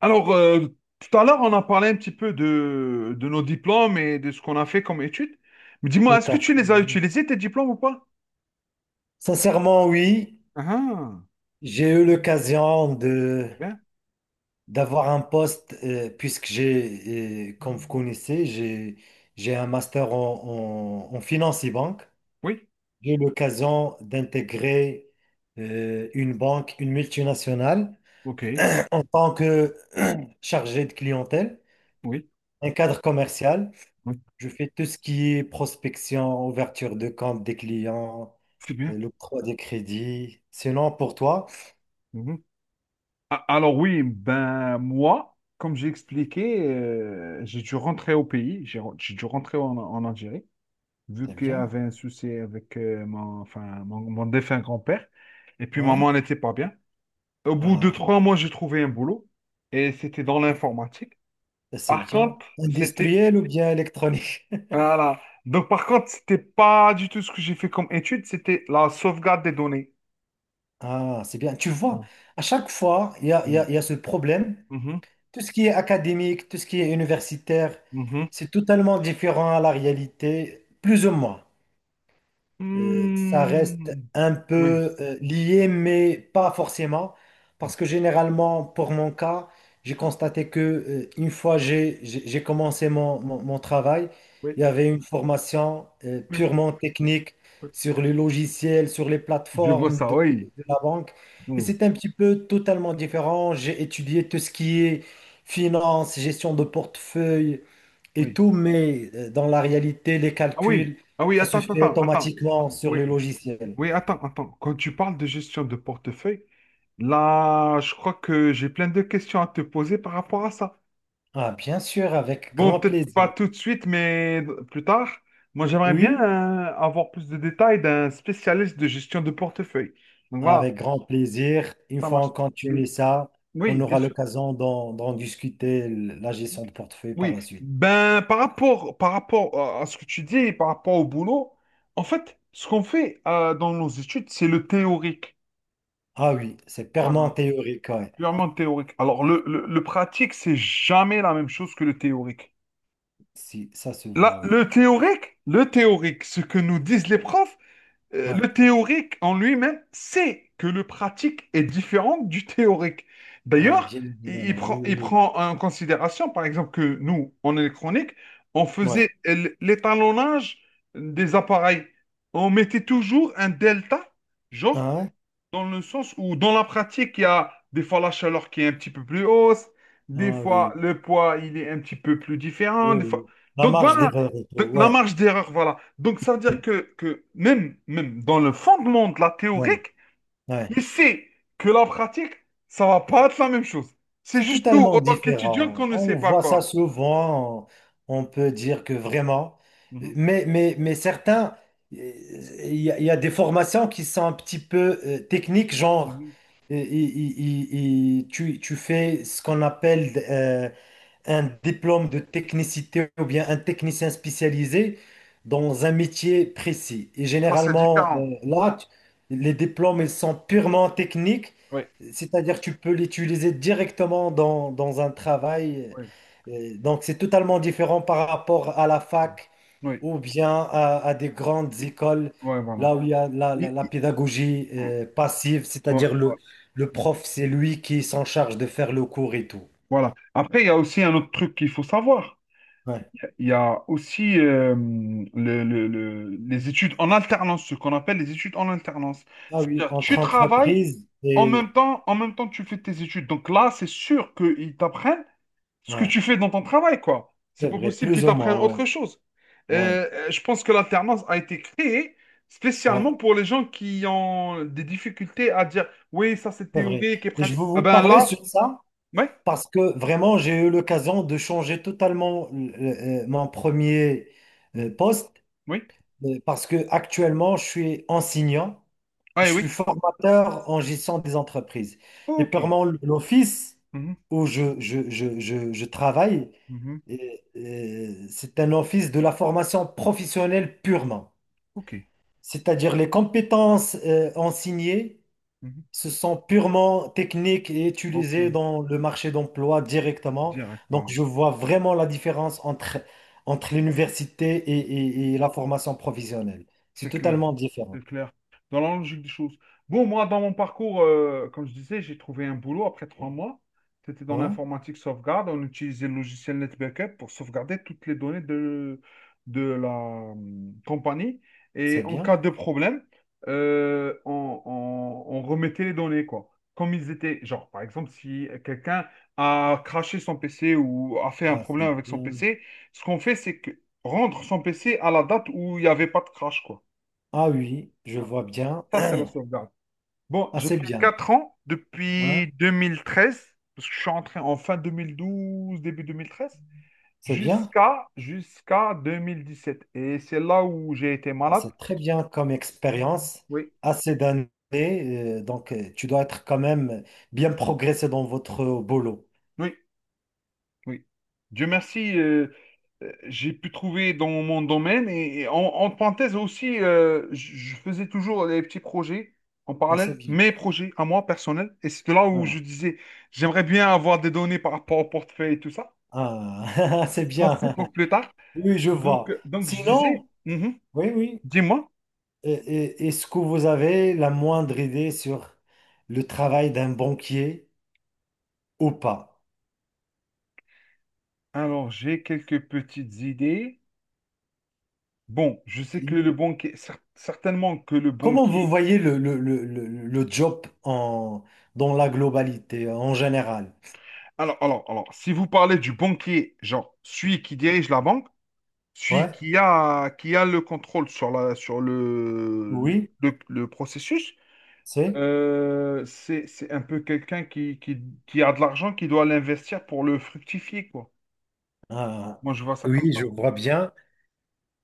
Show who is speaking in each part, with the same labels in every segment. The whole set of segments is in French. Speaker 1: Alors, tout à l'heure, on a parlé un petit peu de nos diplômes et de ce qu'on a fait comme études. Mais dis-moi,
Speaker 2: Tout
Speaker 1: est-ce que
Speaker 2: à fait,
Speaker 1: tu les as
Speaker 2: oui.
Speaker 1: utilisés, tes diplômes ou pas?
Speaker 2: Sincèrement, oui,
Speaker 1: Ah,
Speaker 2: j'ai eu l'occasion de
Speaker 1: c'est bien.
Speaker 2: d'avoir un poste, puisque j'ai, comme vous connaissez, j'ai un master en, en finance et banque.
Speaker 1: Oui,
Speaker 2: J'ai eu l'occasion d'intégrer, une banque, une multinationale,
Speaker 1: ok,
Speaker 2: en tant que chargé de clientèle,
Speaker 1: oui,
Speaker 2: un cadre commercial.
Speaker 1: oui,
Speaker 2: Je fais tout ce qui est prospection, ouverture de compte des clients,
Speaker 1: c'est bien.
Speaker 2: l'octroi des crédits. Sinon, pour toi,
Speaker 1: Mhm. Alors oui, ben moi, comme j'ai expliqué, j'ai dû rentrer au pays, j'ai dû rentrer en Algérie, vu
Speaker 2: c'est
Speaker 1: qu'il y
Speaker 2: bien.
Speaker 1: avait un souci avec mon, enfin, mon défunt grand-père. Et puis
Speaker 2: Ouais.
Speaker 1: maman n'était pas bien. Au bout de
Speaker 2: Ah,
Speaker 1: 3 mois, j'ai trouvé un boulot et c'était dans l'informatique.
Speaker 2: c'est
Speaker 1: Par
Speaker 2: bien.
Speaker 1: contre, c'était...
Speaker 2: Industriel ou bien électronique?
Speaker 1: Voilà. Donc, par contre, c'était pas du tout ce que j'ai fait comme étude, c'était la sauvegarde des données.
Speaker 2: Ah, c'est bien. Tu vois,
Speaker 1: Oh.
Speaker 2: à chaque fois,
Speaker 1: Mm.
Speaker 2: il y a ce problème.
Speaker 1: Mhm.
Speaker 2: Tout ce qui est académique, tout ce qui est universitaire,
Speaker 1: Mhm.
Speaker 2: c'est totalement différent à la réalité, plus ou moins. Ça reste
Speaker 1: Mm.
Speaker 2: un
Speaker 1: Oui.
Speaker 2: peu lié, mais pas forcément,
Speaker 1: Oui.
Speaker 2: parce que généralement, pour mon cas, j'ai constaté que une fois j'ai commencé mon travail,
Speaker 1: Oui.
Speaker 2: il y avait une formation
Speaker 1: Oui.
Speaker 2: purement technique
Speaker 1: Oui.
Speaker 2: sur les logiciels, sur les
Speaker 1: Je vois
Speaker 2: plateformes
Speaker 1: ça, oui.
Speaker 2: de la banque, et
Speaker 1: Mm.
Speaker 2: c'est un petit peu totalement différent. J'ai étudié tout ce qui est finance, gestion de portefeuille et
Speaker 1: Oui.
Speaker 2: tout, mais dans la réalité, les
Speaker 1: Ah oui.
Speaker 2: calculs.
Speaker 1: Ah oui,
Speaker 2: Ça se
Speaker 1: attends, attends,
Speaker 2: fait
Speaker 1: attends. Attends.
Speaker 2: automatiquement sur
Speaker 1: Oui.
Speaker 2: le logiciel.
Speaker 1: Oui, attends, attends. Quand tu parles de gestion de portefeuille, là, je crois que j'ai plein de questions à te poser par rapport à ça.
Speaker 2: Ah, bien sûr, avec
Speaker 1: Bon,
Speaker 2: grand
Speaker 1: peut-être pas
Speaker 2: plaisir.
Speaker 1: tout de suite, mais plus tard. Moi, j'aimerais bien
Speaker 2: Oui,
Speaker 1: avoir plus de détails d'un spécialiste de gestion de portefeuille. Donc voilà,
Speaker 2: avec grand plaisir. Une
Speaker 1: ça
Speaker 2: fois
Speaker 1: marche.
Speaker 2: on
Speaker 1: Oui,
Speaker 2: continue ça, on
Speaker 1: oui, bien
Speaker 2: aura
Speaker 1: sûr.
Speaker 2: l'occasion d'en discuter la gestion de portefeuille par
Speaker 1: Oui.
Speaker 2: la suite.
Speaker 1: Ben, par rapport à ce que tu dis, par rapport au boulot, en fait, ce qu'on fait dans nos études, c'est le théorique.
Speaker 2: Ah oui, c'est
Speaker 1: Voilà,
Speaker 2: purement théorique, ouais.
Speaker 1: purement théorique. Alors, le pratique, c'est jamais la même chose que le théorique.
Speaker 2: Si, ça se
Speaker 1: Là,
Speaker 2: voit, oui.
Speaker 1: le théorique, ce que nous disent les profs,
Speaker 2: Ouais.
Speaker 1: le théorique en lui-même sait que le pratique est différent du théorique.
Speaker 2: Ah,
Speaker 1: D'ailleurs,
Speaker 2: bien
Speaker 1: il, il
Speaker 2: évidemment. Oui,
Speaker 1: prend, il
Speaker 2: oui,
Speaker 1: prend en considération, par exemple, que nous, en électronique, on
Speaker 2: oui. Ouais.
Speaker 1: faisait l'étalonnage des appareils. On mettait toujours un delta,
Speaker 2: Ah,
Speaker 1: genre
Speaker 2: ouais.
Speaker 1: dans le sens où, dans la pratique, il y a des fois la chaleur qui est un petit peu plus hausse, des
Speaker 2: Ah
Speaker 1: fois
Speaker 2: oui.
Speaker 1: le poids, il est un petit peu plus différent,
Speaker 2: Oui,
Speaker 1: des fois...
Speaker 2: oui. La
Speaker 1: Donc
Speaker 2: marge
Speaker 1: voilà,
Speaker 2: d'erreur et tout.
Speaker 1: donc, la
Speaker 2: Ouais.
Speaker 1: marge d'erreur, voilà. Donc ça veut dire que même dans le fondement de la
Speaker 2: Ouais.
Speaker 1: théorique,
Speaker 2: Ouais.
Speaker 1: il sait que la pratique, ça va pas être la même chose. C'est
Speaker 2: C'est
Speaker 1: juste nous, en
Speaker 2: totalement
Speaker 1: tant qu'étudiants, qu'on
Speaker 2: différent.
Speaker 1: ne sait
Speaker 2: On
Speaker 1: pas
Speaker 2: voit ça
Speaker 1: quoi.
Speaker 2: souvent. On peut dire que vraiment.
Speaker 1: Mhm,
Speaker 2: Mais certains, euh, il y a, il y a des formations qui sont un petit peu techniques, genre,
Speaker 1: mhm.
Speaker 2: euh, il- il- tu, tu fais ce qu'on appelle, un diplôme de technicité ou bien un technicien spécialisé dans un métier précis. Et
Speaker 1: Ça, c'est
Speaker 2: généralement,
Speaker 1: différent.
Speaker 2: là, les diplômes, ils sont purement techniques,
Speaker 1: Oui,
Speaker 2: c'est-à-dire tu peux l'utiliser directement dans, dans un travail.
Speaker 1: oui,
Speaker 2: Donc, c'est totalement différent par rapport à la fac
Speaker 1: oui.
Speaker 2: ou bien à des grandes écoles,
Speaker 1: Oui, voilà.
Speaker 2: là où il y a la,
Speaker 1: Il-
Speaker 2: la
Speaker 1: il-
Speaker 2: pédagogie passive,
Speaker 1: ouais.
Speaker 2: c'est-à-dire
Speaker 1: Ouais.
Speaker 2: le prof, c'est lui qui s'en charge de faire le cours et tout.
Speaker 1: Voilà. Après, il y a aussi un autre truc qu'il faut savoir.
Speaker 2: Ouais.
Speaker 1: Il y a aussi les études en alternance, ce qu'on appelle les études en alternance.
Speaker 2: Ah oui,
Speaker 1: C'est-à-dire,
Speaker 2: entre
Speaker 1: tu travailles
Speaker 2: entreprises et...
Speaker 1: en même temps, tu fais tes études. Donc là, c'est sûr qu'ils t'apprennent ce que
Speaker 2: Ouais,
Speaker 1: tu fais dans ton travail, quoi. C'est
Speaker 2: c'est
Speaker 1: pas
Speaker 2: vrai,
Speaker 1: possible qu'ils
Speaker 2: plus ou
Speaker 1: t'apprennent
Speaker 2: moins,
Speaker 1: autre
Speaker 2: ouais.
Speaker 1: chose.
Speaker 2: Ouais,
Speaker 1: Je pense que l'alternance a été créée
Speaker 2: ouais,
Speaker 1: spécialement pour les gens qui ont des difficultés à dire, oui, ça c'est
Speaker 2: c'est vrai.
Speaker 1: théorique et
Speaker 2: Et je
Speaker 1: pratique.
Speaker 2: veux
Speaker 1: Ah
Speaker 2: vous
Speaker 1: ben
Speaker 2: parler
Speaker 1: là,
Speaker 2: sur ça
Speaker 1: ouais,
Speaker 2: parce que vraiment, j'ai eu l'occasion de changer totalement, mon premier,
Speaker 1: mm,
Speaker 2: poste,
Speaker 1: oui,
Speaker 2: parce que actuellement, je suis enseignant, je
Speaker 1: ouais,
Speaker 2: suis
Speaker 1: oui.
Speaker 2: formateur en gestion des entreprises. Et
Speaker 1: Ok.
Speaker 2: purement l'office
Speaker 1: Mhm,
Speaker 2: où je travaille,
Speaker 1: mhm,
Speaker 2: euh, c'est un office de la formation professionnelle purement.
Speaker 1: ok.
Speaker 2: C'est-à-dire les compétences enseignées,
Speaker 1: Mhm,
Speaker 2: ce sont purement techniques et
Speaker 1: ok.
Speaker 2: utilisées dans le marché d'emploi directement.
Speaker 1: Direct,
Speaker 2: Donc,
Speaker 1: voilà.
Speaker 2: je vois vraiment la différence entre, entre l'université et, et la formation professionnelle. C'est
Speaker 1: C'est clair,
Speaker 2: totalement différent.
Speaker 1: c'est clair. Dans la logique des choses. Bon, moi, dans mon parcours, comme je disais, j'ai trouvé un boulot après 3 mois. C'était dans
Speaker 2: Ouais,
Speaker 1: l'informatique sauvegarde. On utilisait le logiciel NetBackup pour sauvegarder toutes les données de la compagnie. Et
Speaker 2: c'est
Speaker 1: en
Speaker 2: bien.
Speaker 1: cas de problème, on remettait les données, quoi. Comme ils étaient, genre, par exemple, si quelqu'un a crashé son PC ou a fait un
Speaker 2: Ah, c'est
Speaker 1: problème avec son
Speaker 2: bien.
Speaker 1: PC, ce qu'on fait, c'est que rendre son PC à la date où il n'y avait pas de crash, quoi.
Speaker 2: Ah oui, je vois bien.
Speaker 1: Ça, c'est la sauvegarde. Bon,
Speaker 2: Ah,
Speaker 1: j'ai
Speaker 2: c'est
Speaker 1: fait
Speaker 2: bien.
Speaker 1: 4 ans
Speaker 2: Hein?
Speaker 1: depuis 2013, parce que je suis entré en fin 2012, début 2013,
Speaker 2: C'est bien.
Speaker 1: jusqu'à 2017. Et c'est là où j'ai été
Speaker 2: Ah,
Speaker 1: malade.
Speaker 2: c'est très bien comme expérience.
Speaker 1: Oui,
Speaker 2: Assez d'années. Donc, tu dois être quand même bien progressé dans votre boulot.
Speaker 1: oui, oui. Dieu merci, j'ai pu trouver dans mon domaine. Et en parenthèse aussi, je faisais toujours des petits projets en
Speaker 2: Ah, c'est
Speaker 1: parallèle,
Speaker 2: bien.
Speaker 1: mes projets à moi personnels. Et c'est de là où je
Speaker 2: Ah,
Speaker 1: disais, j'aimerais bien avoir des données par rapport au portefeuille et tout ça.
Speaker 2: ah, c'est
Speaker 1: Ça,
Speaker 2: bien.
Speaker 1: c'est pour plus tard.
Speaker 2: Oui, je
Speaker 1: Donc,
Speaker 2: vois.
Speaker 1: donc je disais,
Speaker 2: Sinon, oui, oui.
Speaker 1: dis-moi.
Speaker 2: Est-ce que vous avez la moindre idée sur le travail d'un banquier ou pas?
Speaker 1: Alors, j'ai quelques petites idées. Bon, je sais que
Speaker 2: Si.
Speaker 1: le banquier, certainement que le
Speaker 2: Comment vous
Speaker 1: banquier.
Speaker 2: voyez le, le job en, dans la globalité, en général?
Speaker 1: Alors, si vous parlez du banquier, genre celui qui dirige la banque, celui
Speaker 2: Ouais,
Speaker 1: qui a le contrôle sur la, sur le,
Speaker 2: oui,
Speaker 1: le processus,
Speaker 2: c'est.
Speaker 1: c'est un peu quelqu'un qui, a de l'argent, qui doit l'investir pour le fructifier, quoi.
Speaker 2: Ah,
Speaker 1: Moi, je vois ça comme
Speaker 2: oui, je
Speaker 1: ça.
Speaker 2: vois bien.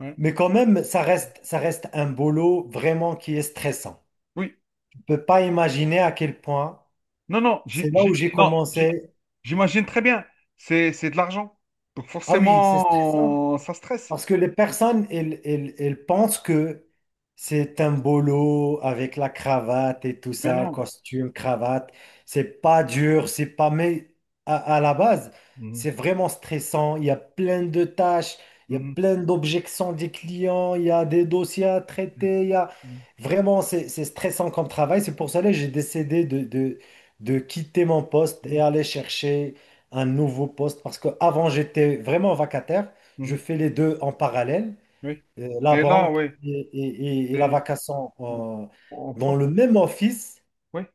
Speaker 1: Ouais.
Speaker 2: Mais quand même, ça reste un boulot vraiment qui est stressant.
Speaker 1: Oui.
Speaker 2: On ne peut pas imaginer à quel point.
Speaker 1: Non, non,
Speaker 2: C'est là où j'ai commencé.
Speaker 1: j'imagine très bien. C'est de l'argent. Donc
Speaker 2: Ah oui, c'est stressant.
Speaker 1: forcément, ça stresse.
Speaker 2: Parce que les personnes, elles, elles pensent que c'est un boulot avec la cravate et tout
Speaker 1: Mais
Speaker 2: ça, le
Speaker 1: non.
Speaker 2: costume, cravate. C'est pas dur, c'est pas... Mais à la base,
Speaker 1: Mhm,
Speaker 2: c'est vraiment stressant. Il y a plein de tâches, il y a
Speaker 1: mhm,
Speaker 2: plein d'objections des clients, il y a des dossiers à traiter, il y a...
Speaker 1: mhm,
Speaker 2: Vraiment, c'est stressant comme travail. C'est pour cela que j'ai décidé de quitter mon poste et aller chercher un nouveau poste parce qu'avant, j'étais vraiment vacataire.
Speaker 1: mhm,
Speaker 2: Je
Speaker 1: mhm.
Speaker 2: fais les deux en parallèle,
Speaker 1: Oui.
Speaker 2: la
Speaker 1: Et là,
Speaker 2: banque
Speaker 1: oui.
Speaker 2: et, et la
Speaker 1: Et
Speaker 2: vacation,
Speaker 1: au au
Speaker 2: dans
Speaker 1: prof,
Speaker 2: le même office.
Speaker 1: oui.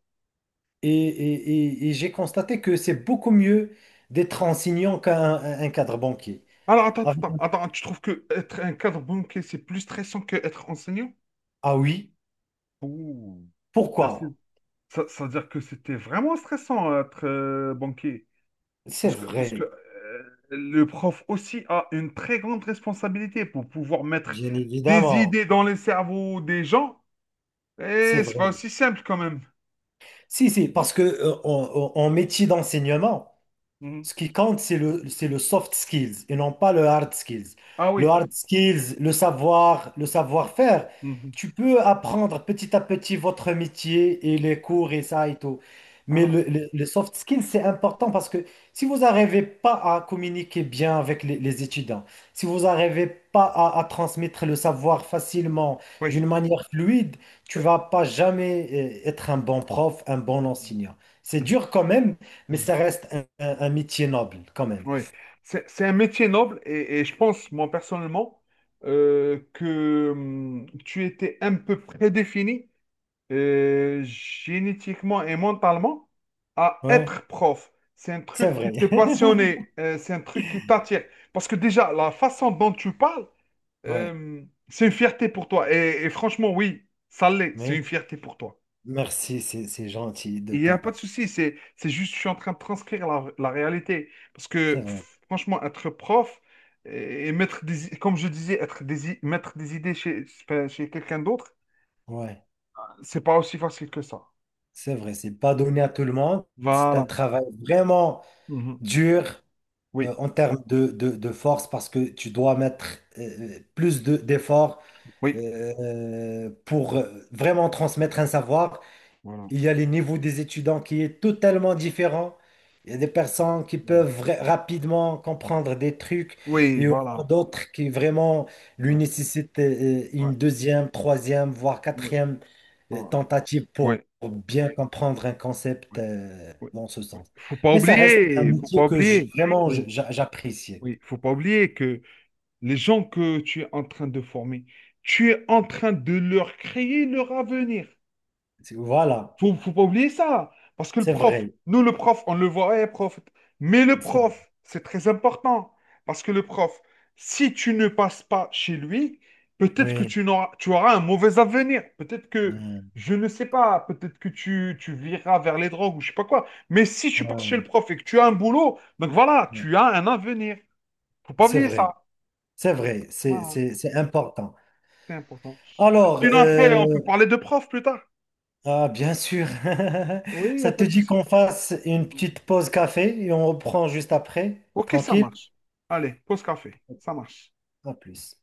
Speaker 2: Et, et j'ai constaté que c'est beaucoup mieux d'être enseignant un cadre banquier.
Speaker 1: Alors, attends,
Speaker 2: Ah,
Speaker 1: attends, attends. Tu trouves que être un cadre banquier, c'est plus stressant que être enseignant?
Speaker 2: ah oui,
Speaker 1: Ouh. Ça veut dire
Speaker 2: pourquoi?
Speaker 1: que ça veut dire que c'était vraiment stressant être banquier.
Speaker 2: C'est
Speaker 1: Parce que, parce que
Speaker 2: vrai,
Speaker 1: euh, le prof aussi a une très grande responsabilité pour pouvoir mettre
Speaker 2: bien
Speaker 1: des
Speaker 2: évidemment,
Speaker 1: idées dans les cerveaux des gens.
Speaker 2: c'est
Speaker 1: Et c'est
Speaker 2: vrai.
Speaker 1: pas aussi simple quand même.
Speaker 2: Si, si, parce que en en métier d'enseignement,
Speaker 1: Mhm.
Speaker 2: ce qui compte, c'est le soft skills et non pas le hard skills.
Speaker 1: Ah
Speaker 2: Le
Speaker 1: oui.
Speaker 2: hard skills, le savoir, le savoir-faire,
Speaker 1: Mhm.
Speaker 2: tu peux apprendre petit à petit votre métier et les cours et ça et tout. Mais
Speaker 1: Voilà.
Speaker 2: le, le soft skills, c'est important parce que si vous n'arrivez pas à communiquer bien avec les étudiants, si vous n'arrivez pas à, à transmettre le savoir facilement,
Speaker 1: Oui.
Speaker 2: d'une manière fluide, tu
Speaker 1: Euh,
Speaker 2: vas pas jamais être un bon prof, un bon enseignant. C'est dur quand même, mais
Speaker 1: mhm.
Speaker 2: ça reste un, un métier noble quand même.
Speaker 1: Oui. C'est un métier noble et je pense, moi personnellement, que tu étais un peu prédéfini génétiquement et mentalement à
Speaker 2: Ouais,
Speaker 1: être prof. C'est un
Speaker 2: c'est
Speaker 1: truc qui
Speaker 2: vrai.
Speaker 1: te passionnait, c'est un truc qui t'attire. Parce que déjà, la façon dont tu parles,
Speaker 2: Ouais,
Speaker 1: euh, c'est une fierté pour toi. Et franchement, oui, ça l'est, c'est
Speaker 2: mais
Speaker 1: une fierté pour toi.
Speaker 2: merci, c'est gentil de
Speaker 1: Il n'y
Speaker 2: ta
Speaker 1: a pas de
Speaker 2: part.
Speaker 1: souci, c'est juste, je suis en train de transcrire la réalité. Parce
Speaker 2: C'est
Speaker 1: que
Speaker 2: vrai.
Speaker 1: franchement, être prof et mettre comme je disais, mettre des idées chez quelqu'un d'autre,
Speaker 2: Ouais,
Speaker 1: c'est pas aussi facile que ça.
Speaker 2: c'est vrai. C'est pas donné à tout le monde. C'est un
Speaker 1: Voilà.
Speaker 2: travail vraiment
Speaker 1: Mhm.
Speaker 2: dur
Speaker 1: Oui.
Speaker 2: en termes de force parce que tu dois mettre, plus de, d'efforts,
Speaker 1: Oui,
Speaker 2: pour vraiment transmettre un savoir.
Speaker 1: voilà.
Speaker 2: Il y a les niveaux des étudiants qui est totalement différent. Il y a des personnes qui peuvent rapidement comprendre des trucs
Speaker 1: Oui,
Speaker 2: et il y en a
Speaker 1: voilà.
Speaker 2: d'autres qui vraiment lui
Speaker 1: Voilà.
Speaker 2: nécessitent
Speaker 1: Ouais,
Speaker 2: une deuxième, troisième, voire
Speaker 1: oui,
Speaker 2: quatrième,
Speaker 1: voilà.
Speaker 2: tentative
Speaker 1: Ouais,
Speaker 2: pour bien comprendre un concept
Speaker 1: ouais, ouais,
Speaker 2: dans ce
Speaker 1: ouais.
Speaker 2: sens.
Speaker 1: Faut pas
Speaker 2: Mais ça reste un
Speaker 1: oublier, faut pas
Speaker 2: métier que
Speaker 1: oublier.
Speaker 2: vraiment
Speaker 1: Oui,
Speaker 2: j'apprécie.
Speaker 1: oui, faut pas oublier que les gens que tu es en train de former, tu es en train de leur créer leur avenir.
Speaker 2: C'est- Voilà,
Speaker 1: Faut pas oublier ça. Parce que le
Speaker 2: c'est
Speaker 1: prof,
Speaker 2: vrai.
Speaker 1: nous, le prof, on le voit, eh, prof. Mais le
Speaker 2: C'est-
Speaker 1: prof, c'est très important. Parce que le prof, si tu ne passes pas chez lui, peut-être que
Speaker 2: Oui,
Speaker 1: tu n'auras, tu auras un mauvais avenir. Peut-être que,
Speaker 2: euh,
Speaker 1: je ne sais pas, peut-être que tu viras vers les drogues ou je sais pas quoi. Mais si tu passes chez le
Speaker 2: ouais,
Speaker 1: prof et que tu as un boulot, donc voilà,
Speaker 2: ouais,
Speaker 1: tu as un avenir. Faut pas
Speaker 2: c'est
Speaker 1: oublier
Speaker 2: vrai.
Speaker 1: ça.
Speaker 2: C'est vrai,
Speaker 1: Voilà,
Speaker 2: c'est important.
Speaker 1: c'est important.
Speaker 2: Alors,
Speaker 1: Sinon, après, on peut parler de prof plus tard.
Speaker 2: ah, bien sûr,
Speaker 1: Oui, il n'y a
Speaker 2: ça te
Speaker 1: pas de
Speaker 2: dit
Speaker 1: souci.
Speaker 2: qu'on fasse une petite pause café et on reprend juste après.
Speaker 1: Ok, ça
Speaker 2: Tranquille?
Speaker 1: marche. Allez, pause café. Ça marche.
Speaker 2: À plus.